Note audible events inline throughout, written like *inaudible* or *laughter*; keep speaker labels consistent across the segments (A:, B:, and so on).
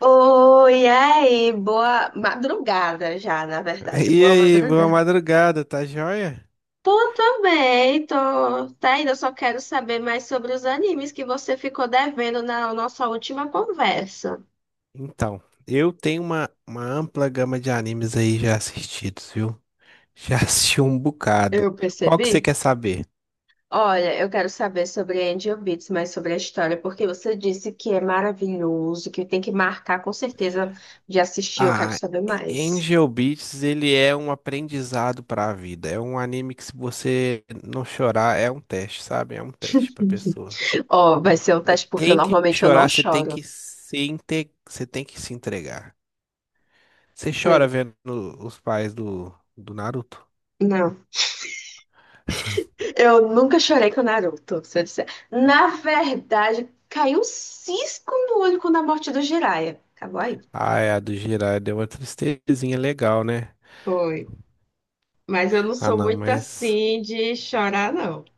A: Oi, aí, boa madrugada já, na verdade,
B: E
A: boa
B: aí, boa
A: madrugada.
B: madrugada, tá joia?
A: Tô também, tô. Tá ainda, só quero saber mais sobre os animes que você ficou devendo na nossa última conversa.
B: Então, eu tenho uma ampla gama de animes aí já assistidos, viu? Já *laughs* assisti um bocado.
A: Eu
B: Qual que você
A: percebi?
B: quer saber?
A: Olha, eu quero saber sobre Angel Beats, mas sobre a história, porque você disse que é maravilhoso, que tem que marcar com certeza de assistir, eu quero
B: Ah,
A: saber mais.
B: Angel Beats, ele é um aprendizado pra vida. É um anime que se você não chorar, é um teste, sabe? É um teste pra pessoa.
A: Ó, vai ser um teste porque eu,
B: Tem que
A: normalmente eu não
B: chorar,
A: choro.
B: você tem que se entregar. Você chora
A: Pois-
B: vendo os pais do Naruto?
A: Não. Eu nunca chorei com o Naruto, se eu disser. Na verdade, caiu um cisco no olho com a morte do Jiraiya. Acabou aí.
B: Ai, a do Jiraiya deu uma tristezinha legal, né?
A: Foi. Mas eu não
B: Ah,
A: sou
B: não,
A: muito
B: mas.
A: assim de chorar, não.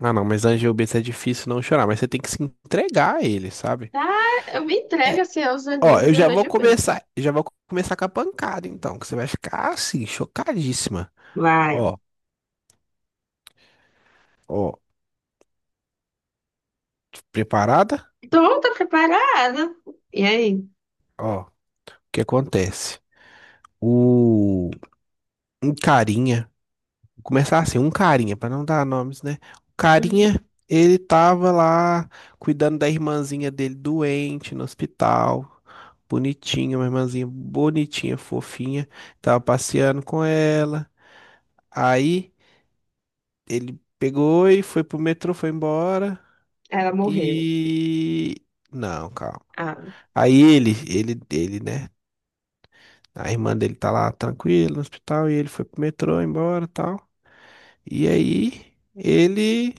B: Ah, não, mas Angel Beats é difícil não chorar, mas você tem que se entregar a ele, sabe?
A: Tá, eu me entrego
B: É,
A: assim aos
B: ó,
A: animes e eu vejo bem.
B: eu já vou começar com a pancada, então, que você vai ficar assim, chocadíssima.
A: Vai.
B: Ó, ó, Preparada?
A: Tô, tô preparada. E aí?
B: Ó, o que acontece? O um carinha. Começar assim, Um carinha, pra não dar nomes, né? O
A: Hum.
B: carinha, ele tava lá cuidando da irmãzinha dele doente no hospital. Bonitinha, uma irmãzinha bonitinha, fofinha. Tava passeando com ela. Aí ele pegou e foi pro metrô, foi embora.
A: Ela morreu.
B: E não, calma.
A: Ah,
B: Aí ele, né? A irmã dele tá lá tranquila no hospital e ele foi pro metrô, embora, e tal. E aí ele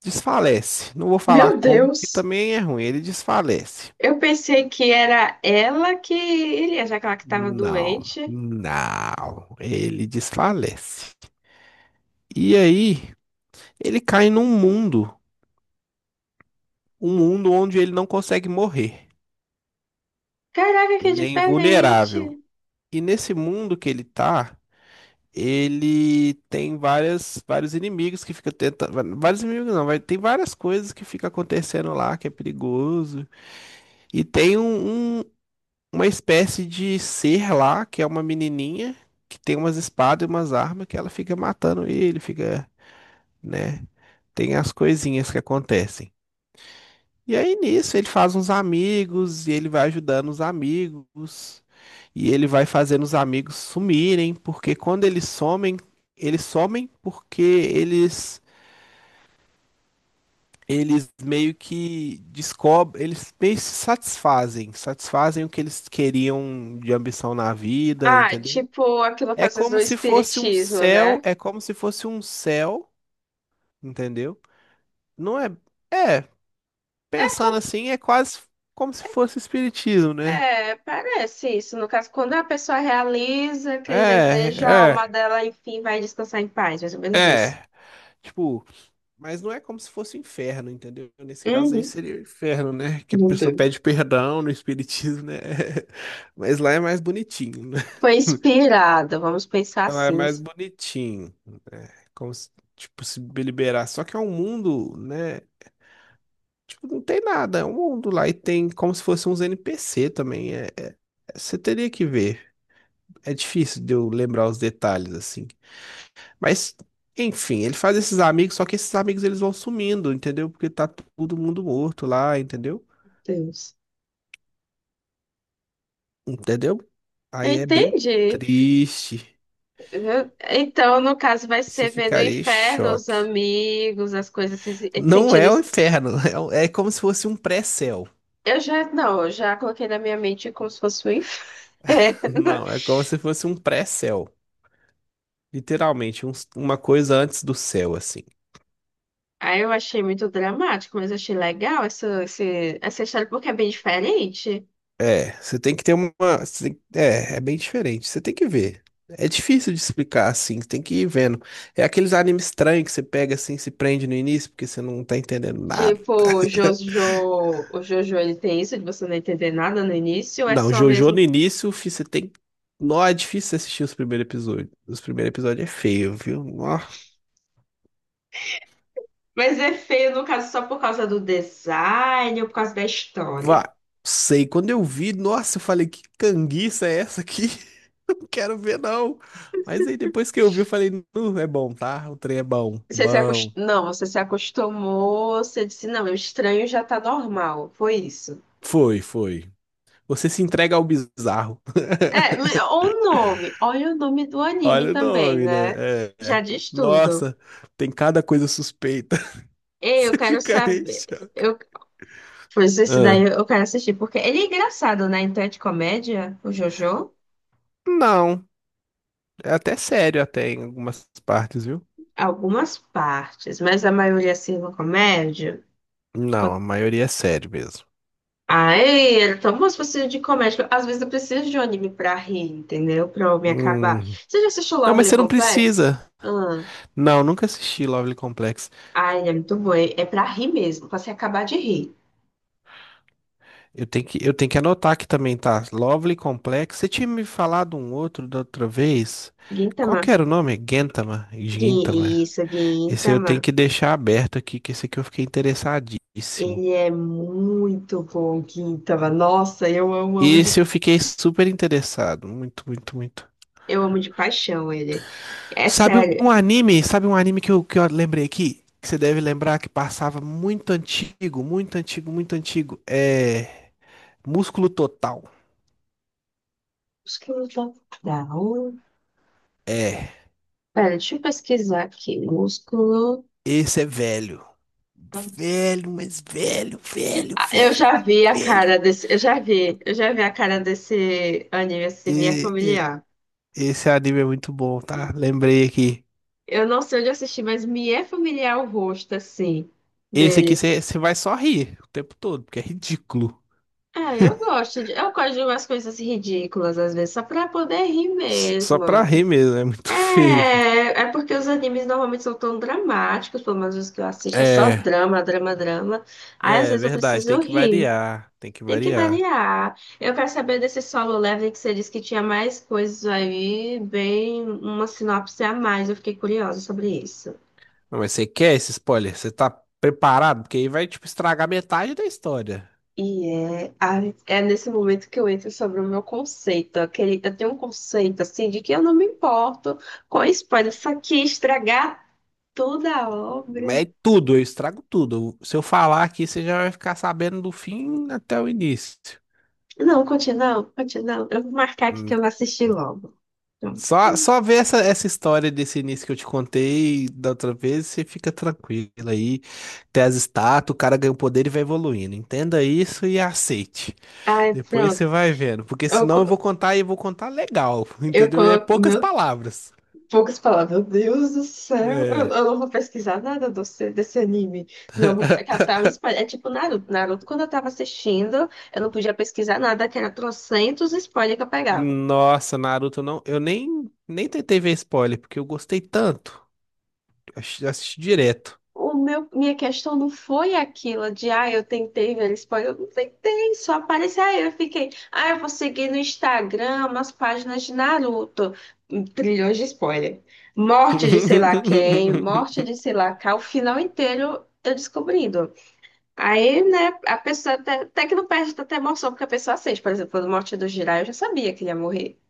B: Desfalece. Não vou falar
A: meu
B: como, porque
A: Deus.
B: também é ruim. Ele desfalece.
A: Eu pensei que era ela que iria, já que ela que estava
B: Não,
A: doente.
B: não. Ele desfalece. E aí, ele cai num mundo, um mundo onde ele não consegue morrer.
A: Caraca, que
B: Ele é
A: diferente.
B: invulnerável. E nesse mundo que ele tá, ele tem vários inimigos que fica tentando. Vários inimigos não, vai, tem várias coisas que fica acontecendo lá que é perigoso. E tem uma espécie de ser lá, que é uma menininha que tem umas espadas e umas armas que ela fica matando ele, fica, né? Tem as coisinhas que acontecem. E aí nisso ele faz uns amigos e ele vai ajudando os amigos e ele vai fazendo os amigos sumirem, porque quando eles somem porque eles meio que descobrem, eles meio que se satisfazem, satisfazem o que eles queriam de ambição na vida,
A: Ah,
B: entendeu?
A: tipo aquilo que
B: É
A: às vezes do
B: como se fosse um
A: espiritismo,
B: céu,
A: né?
B: É como se fosse um céu, entendeu? Não é, é,
A: É,
B: Pensando
A: com-
B: assim, é quase como se fosse espiritismo, né?
A: é, parece isso. No caso, quando a pessoa realiza aquele desejo, a alma
B: É,
A: dela, enfim, vai descansar em paz, mais ou
B: é,
A: menos isso.
B: é. Tipo, mas não é como se fosse inferno, entendeu? Nesse caso aí
A: Uhum.
B: seria o inferno, né? Que a
A: Meu
B: pessoa
A: Deus.
B: pede perdão no espiritismo, né? *laughs* Mas lá é mais bonitinho, né?
A: Foi
B: *laughs*
A: inspirada, vamos pensar
B: Ela é
A: assim,
B: mais
A: meu
B: bonitinho, né? Como se, tipo, se liberar. Só que é um mundo, né? Tipo, não tem nada, é um mundo lá e tem como se fossem uns NPC também. Você teria que ver. É difícil de eu lembrar os detalhes assim. Mas, enfim, ele faz esses amigos, só que esses amigos eles vão sumindo, entendeu? Porque tá todo mundo morto lá, entendeu?
A: Deus.
B: Entendeu?
A: Eu
B: Aí é bem
A: entendi.
B: triste.
A: Então, no caso, vai
B: Você
A: ser vendo o
B: ficaria em
A: inferno, os
B: choque.
A: amigos, as coisas,
B: Não
A: sentindo.
B: é o
A: Isso.
B: inferno, *laughs* é como se fosse um pré-céu.
A: Eu já, não, eu já coloquei na minha mente como se fosse o
B: *laughs*
A: inferno.
B: Não, é como se fosse um pré-céu. Literalmente, uma coisa antes do céu, assim.
A: Aí eu achei muito dramático, mas achei legal essa história porque é bem diferente.
B: É, você tem que ter uma. Você tem- É, é bem diferente. Você tem que ver. É difícil de explicar assim, você tem que ir vendo. É aqueles animes estranhos que você pega assim, se prende no início, porque você não tá entendendo nada.
A: Tipo, o Jojo ele tem isso de você não entender nada no início, é
B: Não,
A: só
B: JoJo
A: mesmo.
B: no início, fi, você tem. Não, é difícil você assistir os primeiros episódios. Os primeiros episódios é feio, viu? Nó,
A: Mas é feio, no caso, só por causa do design ou por causa da história.
B: vá. Sei, quando eu vi, nossa, eu falei, que canguiça é essa aqui? *laughs* Não quero ver, não. Mas aí depois que eu vi, eu falei, "Nu, é bom, tá? O trem é bom.
A: Você se acost...
B: Bom.
A: Não, você se acostumou, você disse, não, o estranho já tá normal. Foi isso.
B: Foi, foi. Você se entrega ao bizarro.
A: É,
B: *laughs*
A: o nome, olha o nome do anime
B: Olha o
A: também,
B: nome, né?
A: né?
B: É.
A: Já
B: é.
A: diz tudo.
B: Nossa, tem cada coisa suspeita. *laughs*
A: Ei, eu
B: Você
A: quero
B: ficaria em
A: saber.
B: choque.
A: Eu Pois esse daí
B: Ah.
A: eu quero assistir, porque ele é engraçado, né? Então é de comédia, o Jojo,
B: Não, é até sério até em algumas partes, viu?
A: algumas partes, mas a maioria assim é uma comédia.
B: Não, a maioria é sério mesmo.
A: Ai, era tão bom se pastilhas de comédia. Às vezes eu preciso de um anime pra rir, entendeu? Pra eu me acabar.
B: Hum.
A: Você já assistiu
B: Não, mas
A: Lovely
B: você não
A: Complex?
B: precisa.
A: Ah,
B: Não, nunca assisti Lovely Complex.
A: ai, ele é muito bom. É pra rir mesmo, pra se acabar de rir.
B: Eu tenho que anotar aqui também, tá? Lovely Complex. Você tinha me falado um outro da outra vez? Qual
A: Gintama.
B: que era o nome?
A: Gin,
B: Gintama.
A: isso,
B: Esse eu
A: Gintama.
B: tenho que deixar aberto aqui, que esse aqui eu fiquei interessadíssimo.
A: Ele é muito bom, Gintama. Nossa, eu amo, amo
B: Esse
A: de...
B: eu fiquei super interessado. Muito, muito, muito.
A: Eu amo de paixão ele. É
B: Sabe
A: sério.
B: um anime? Sabe um anime que eu lembrei aqui? Que você deve lembrar que passava muito antigo, muito antigo, muito antigo. É. Músculo Total.
A: Músculo total.
B: É.
A: Pera, deixa eu pesquisar aqui. Músculo.
B: Esse é velho. Velho, mas velho, velho,
A: Ah, eu
B: velho,
A: já vi a
B: velho.
A: cara desse. Eu já vi. Eu já vi a cara desse anime assim, me é
B: E- e-
A: familiar.
B: Esse anime é muito bom, tá? Lembrei aqui.
A: Eu não sei onde eu assisti, mas me é familiar o rosto assim
B: Esse aqui
A: deles.
B: você vai só rir o tempo todo, porque é ridículo.
A: Eu gosto de umas coisas ridículas às vezes, só pra poder rir
B: Só
A: mesmo.
B: pra rir mesmo, é muito *laughs* feio. Filho.
A: É, é porque os animes normalmente são tão dramáticos, pelo menos os que eu assisto, é só
B: É,
A: drama, drama, drama. Aí às
B: É, é
A: vezes eu
B: verdade, tem
A: preciso
B: que
A: rir.
B: variar, tem que
A: Tem que
B: variar.
A: variar. Eu quero saber desse Solo Leveling que você disse que tinha mais coisas aí, bem uma sinopse a mais. Eu fiquei curiosa sobre isso.
B: Não, mas você quer esse spoiler? Você tá preparado? Porque aí vai, tipo, estragar metade da história.
A: E é, a- é nesse momento que eu entro sobre o meu conceito. Aquele, eu tenho um conceito assim de que eu não me importo com spoiler, isso aqui estragar toda a obra.
B: Mas é tudo, eu estrago tudo. Se eu falar aqui, você já vai ficar sabendo do fim até o início.
A: Não, continua, continua. Eu vou marcar aqui que
B: Hum,
A: eu vou assistir logo. Pronto.
B: Só, só ver essa história desse início que eu te contei da outra vez, você fica tranquilo aí. Tem as estátuas, o cara ganha o poder e vai evoluindo. Entenda isso e aceite.
A: Ai,
B: Depois você
A: pronto.
B: vai vendo, porque
A: Eu,
B: senão eu vou
A: co-
B: contar e eu vou contar legal, *laughs*
A: eu
B: entendeu? É
A: coloco.
B: poucas
A: Meu,
B: palavras.
A: poucas palavras. Meu Deus do céu. Eu,
B: É.
A: eu não vou pesquisar nada desse anime. Senão eu vou catar o spoiler. É tipo Naruto. Naruto, quando eu tava assistindo, eu não podia pesquisar nada, que era trocentos spoilers que eu pegava.
B: Nossa, Naruto não, eu nem tentei ver spoiler, porque eu gostei tanto. Assisti direto.
A: Minha questão não foi aquilo de, ah, eu tentei ver spoiler, eu não tentei, só apareceu, aí eu fiquei, ah, eu vou seguir no Instagram umas páginas de Naruto, trilhões de spoiler, morte de sei lá quem, morte de
B: *laughs*
A: sei lá cá, o final inteiro eu descobrindo. Aí, né, a pessoa até que não perde tanta emoção, porque a pessoa sente, por exemplo, a morte do Jiraiya, eu já sabia que ele ia morrer,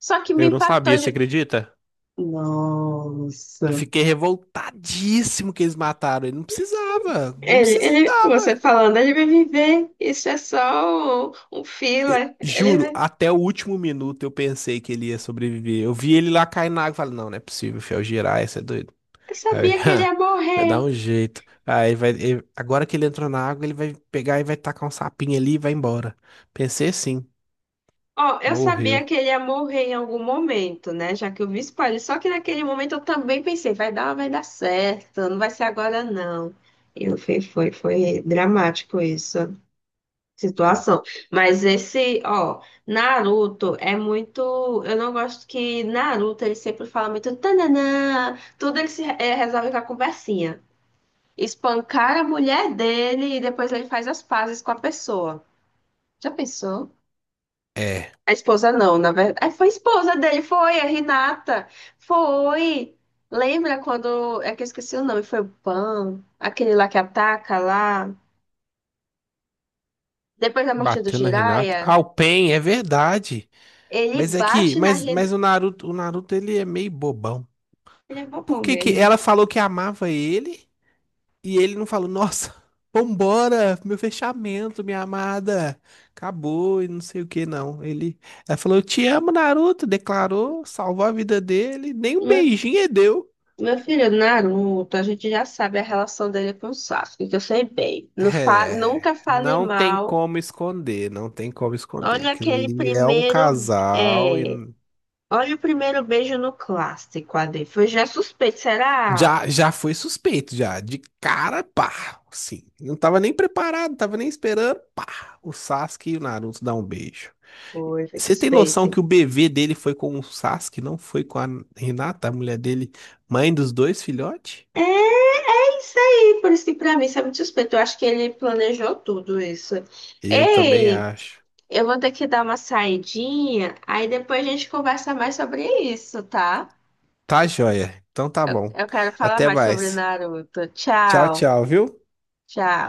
A: só que me
B: Eu não
A: impactou
B: sabia, você
A: de,
B: acredita?
A: nossa...
B: Fiquei revoltadíssimo que eles mataram ele. Não precisava, não
A: Você
B: precisava.
A: falando, ele vai viver, isso é só um filler. Ele
B: Juro,
A: vai,
B: até o último minuto eu pensei que ele ia sobreviver. Eu vi ele lá cair na água e falei, não, não é possível, fiel, girar, isso é doido.
A: eu
B: Aí,
A: sabia que ele ia
B: *laughs* vai
A: morrer.
B: dar um jeito. Agora que ele entrou na água, ele vai pegar e vai tacar um sapinho ali e vai embora. Pensei assim,
A: Ó, eu sabia
B: morreu.
A: que ele ia morrer em algum momento, né? Já que eu vi spoiler. Só que naquele momento eu também pensei, vai dar certo, não vai ser agora, não. Foi, foi dramático isso, situação. Mas esse, ó, Naruto é muito... Eu não gosto que Naruto ele sempre fala muito tananã, tudo ele se, resolve com a conversinha. Espancar a mulher dele e depois ele faz as pazes com a pessoa. Já pensou?
B: É,
A: A esposa não, na verdade. Ah, foi a esposa dele, foi a Renata. Foi. Lembra quando... É que eu esqueci o nome, foi o Pan, aquele lá que ataca lá. Depois da morte do
B: bateu na Renata.
A: Jiraiya,
B: Ah, o Pain, é verdade.
A: ele
B: Mas é que,
A: bate na
B: mas, mas
A: Renata.
B: o Naruto ele é meio bobão.
A: Ele é
B: Por
A: bobão
B: que que
A: mesmo.
B: ela falou que amava ele? E ele não falou, nossa, *laughs* vambora, meu fechamento, minha amada, acabou e não sei o que, não. Ela falou, eu te amo, Naruto, declarou, salvou a vida dele, nem um
A: Meu,
B: beijinho ele deu.
A: meu filho, Naruto, a gente já sabe a relação dele com o Sasuke, que eu sei bem. Não fa... Nunca
B: É,
A: fale
B: não tem
A: mal.
B: como esconder, não tem como esconder.
A: Olha
B: Aquilo
A: aquele
B: ali é um
A: primeiro.
B: casal e
A: É, olha o primeiro beijo no clássico, Ade. Foi já suspeito, será?
B: já, já foi suspeito, já, de cara, pá, assim. Não tava nem preparado, não tava nem esperando, pá, o Sasuke e o Naruto dão um beijo.
A: Foi, foi
B: Você tem
A: suspeito.
B: noção que o bebê dele foi com o Sasuke, não foi com a Renata, a mulher dele, mãe dos dois filhotes?
A: É isso aí, por isso que pra mim isso é muito suspeito. Eu acho que ele planejou tudo isso.
B: Eu também
A: Ei,
B: acho.
A: eu vou ter que dar uma saidinha, aí depois a gente conversa mais sobre isso, tá?
B: Tá joia. Então tá bom.
A: Eu quero falar
B: Até
A: mais sobre
B: mais.
A: Naruto.
B: Tchau,
A: Tchau,
B: tchau, viu?
A: tchau.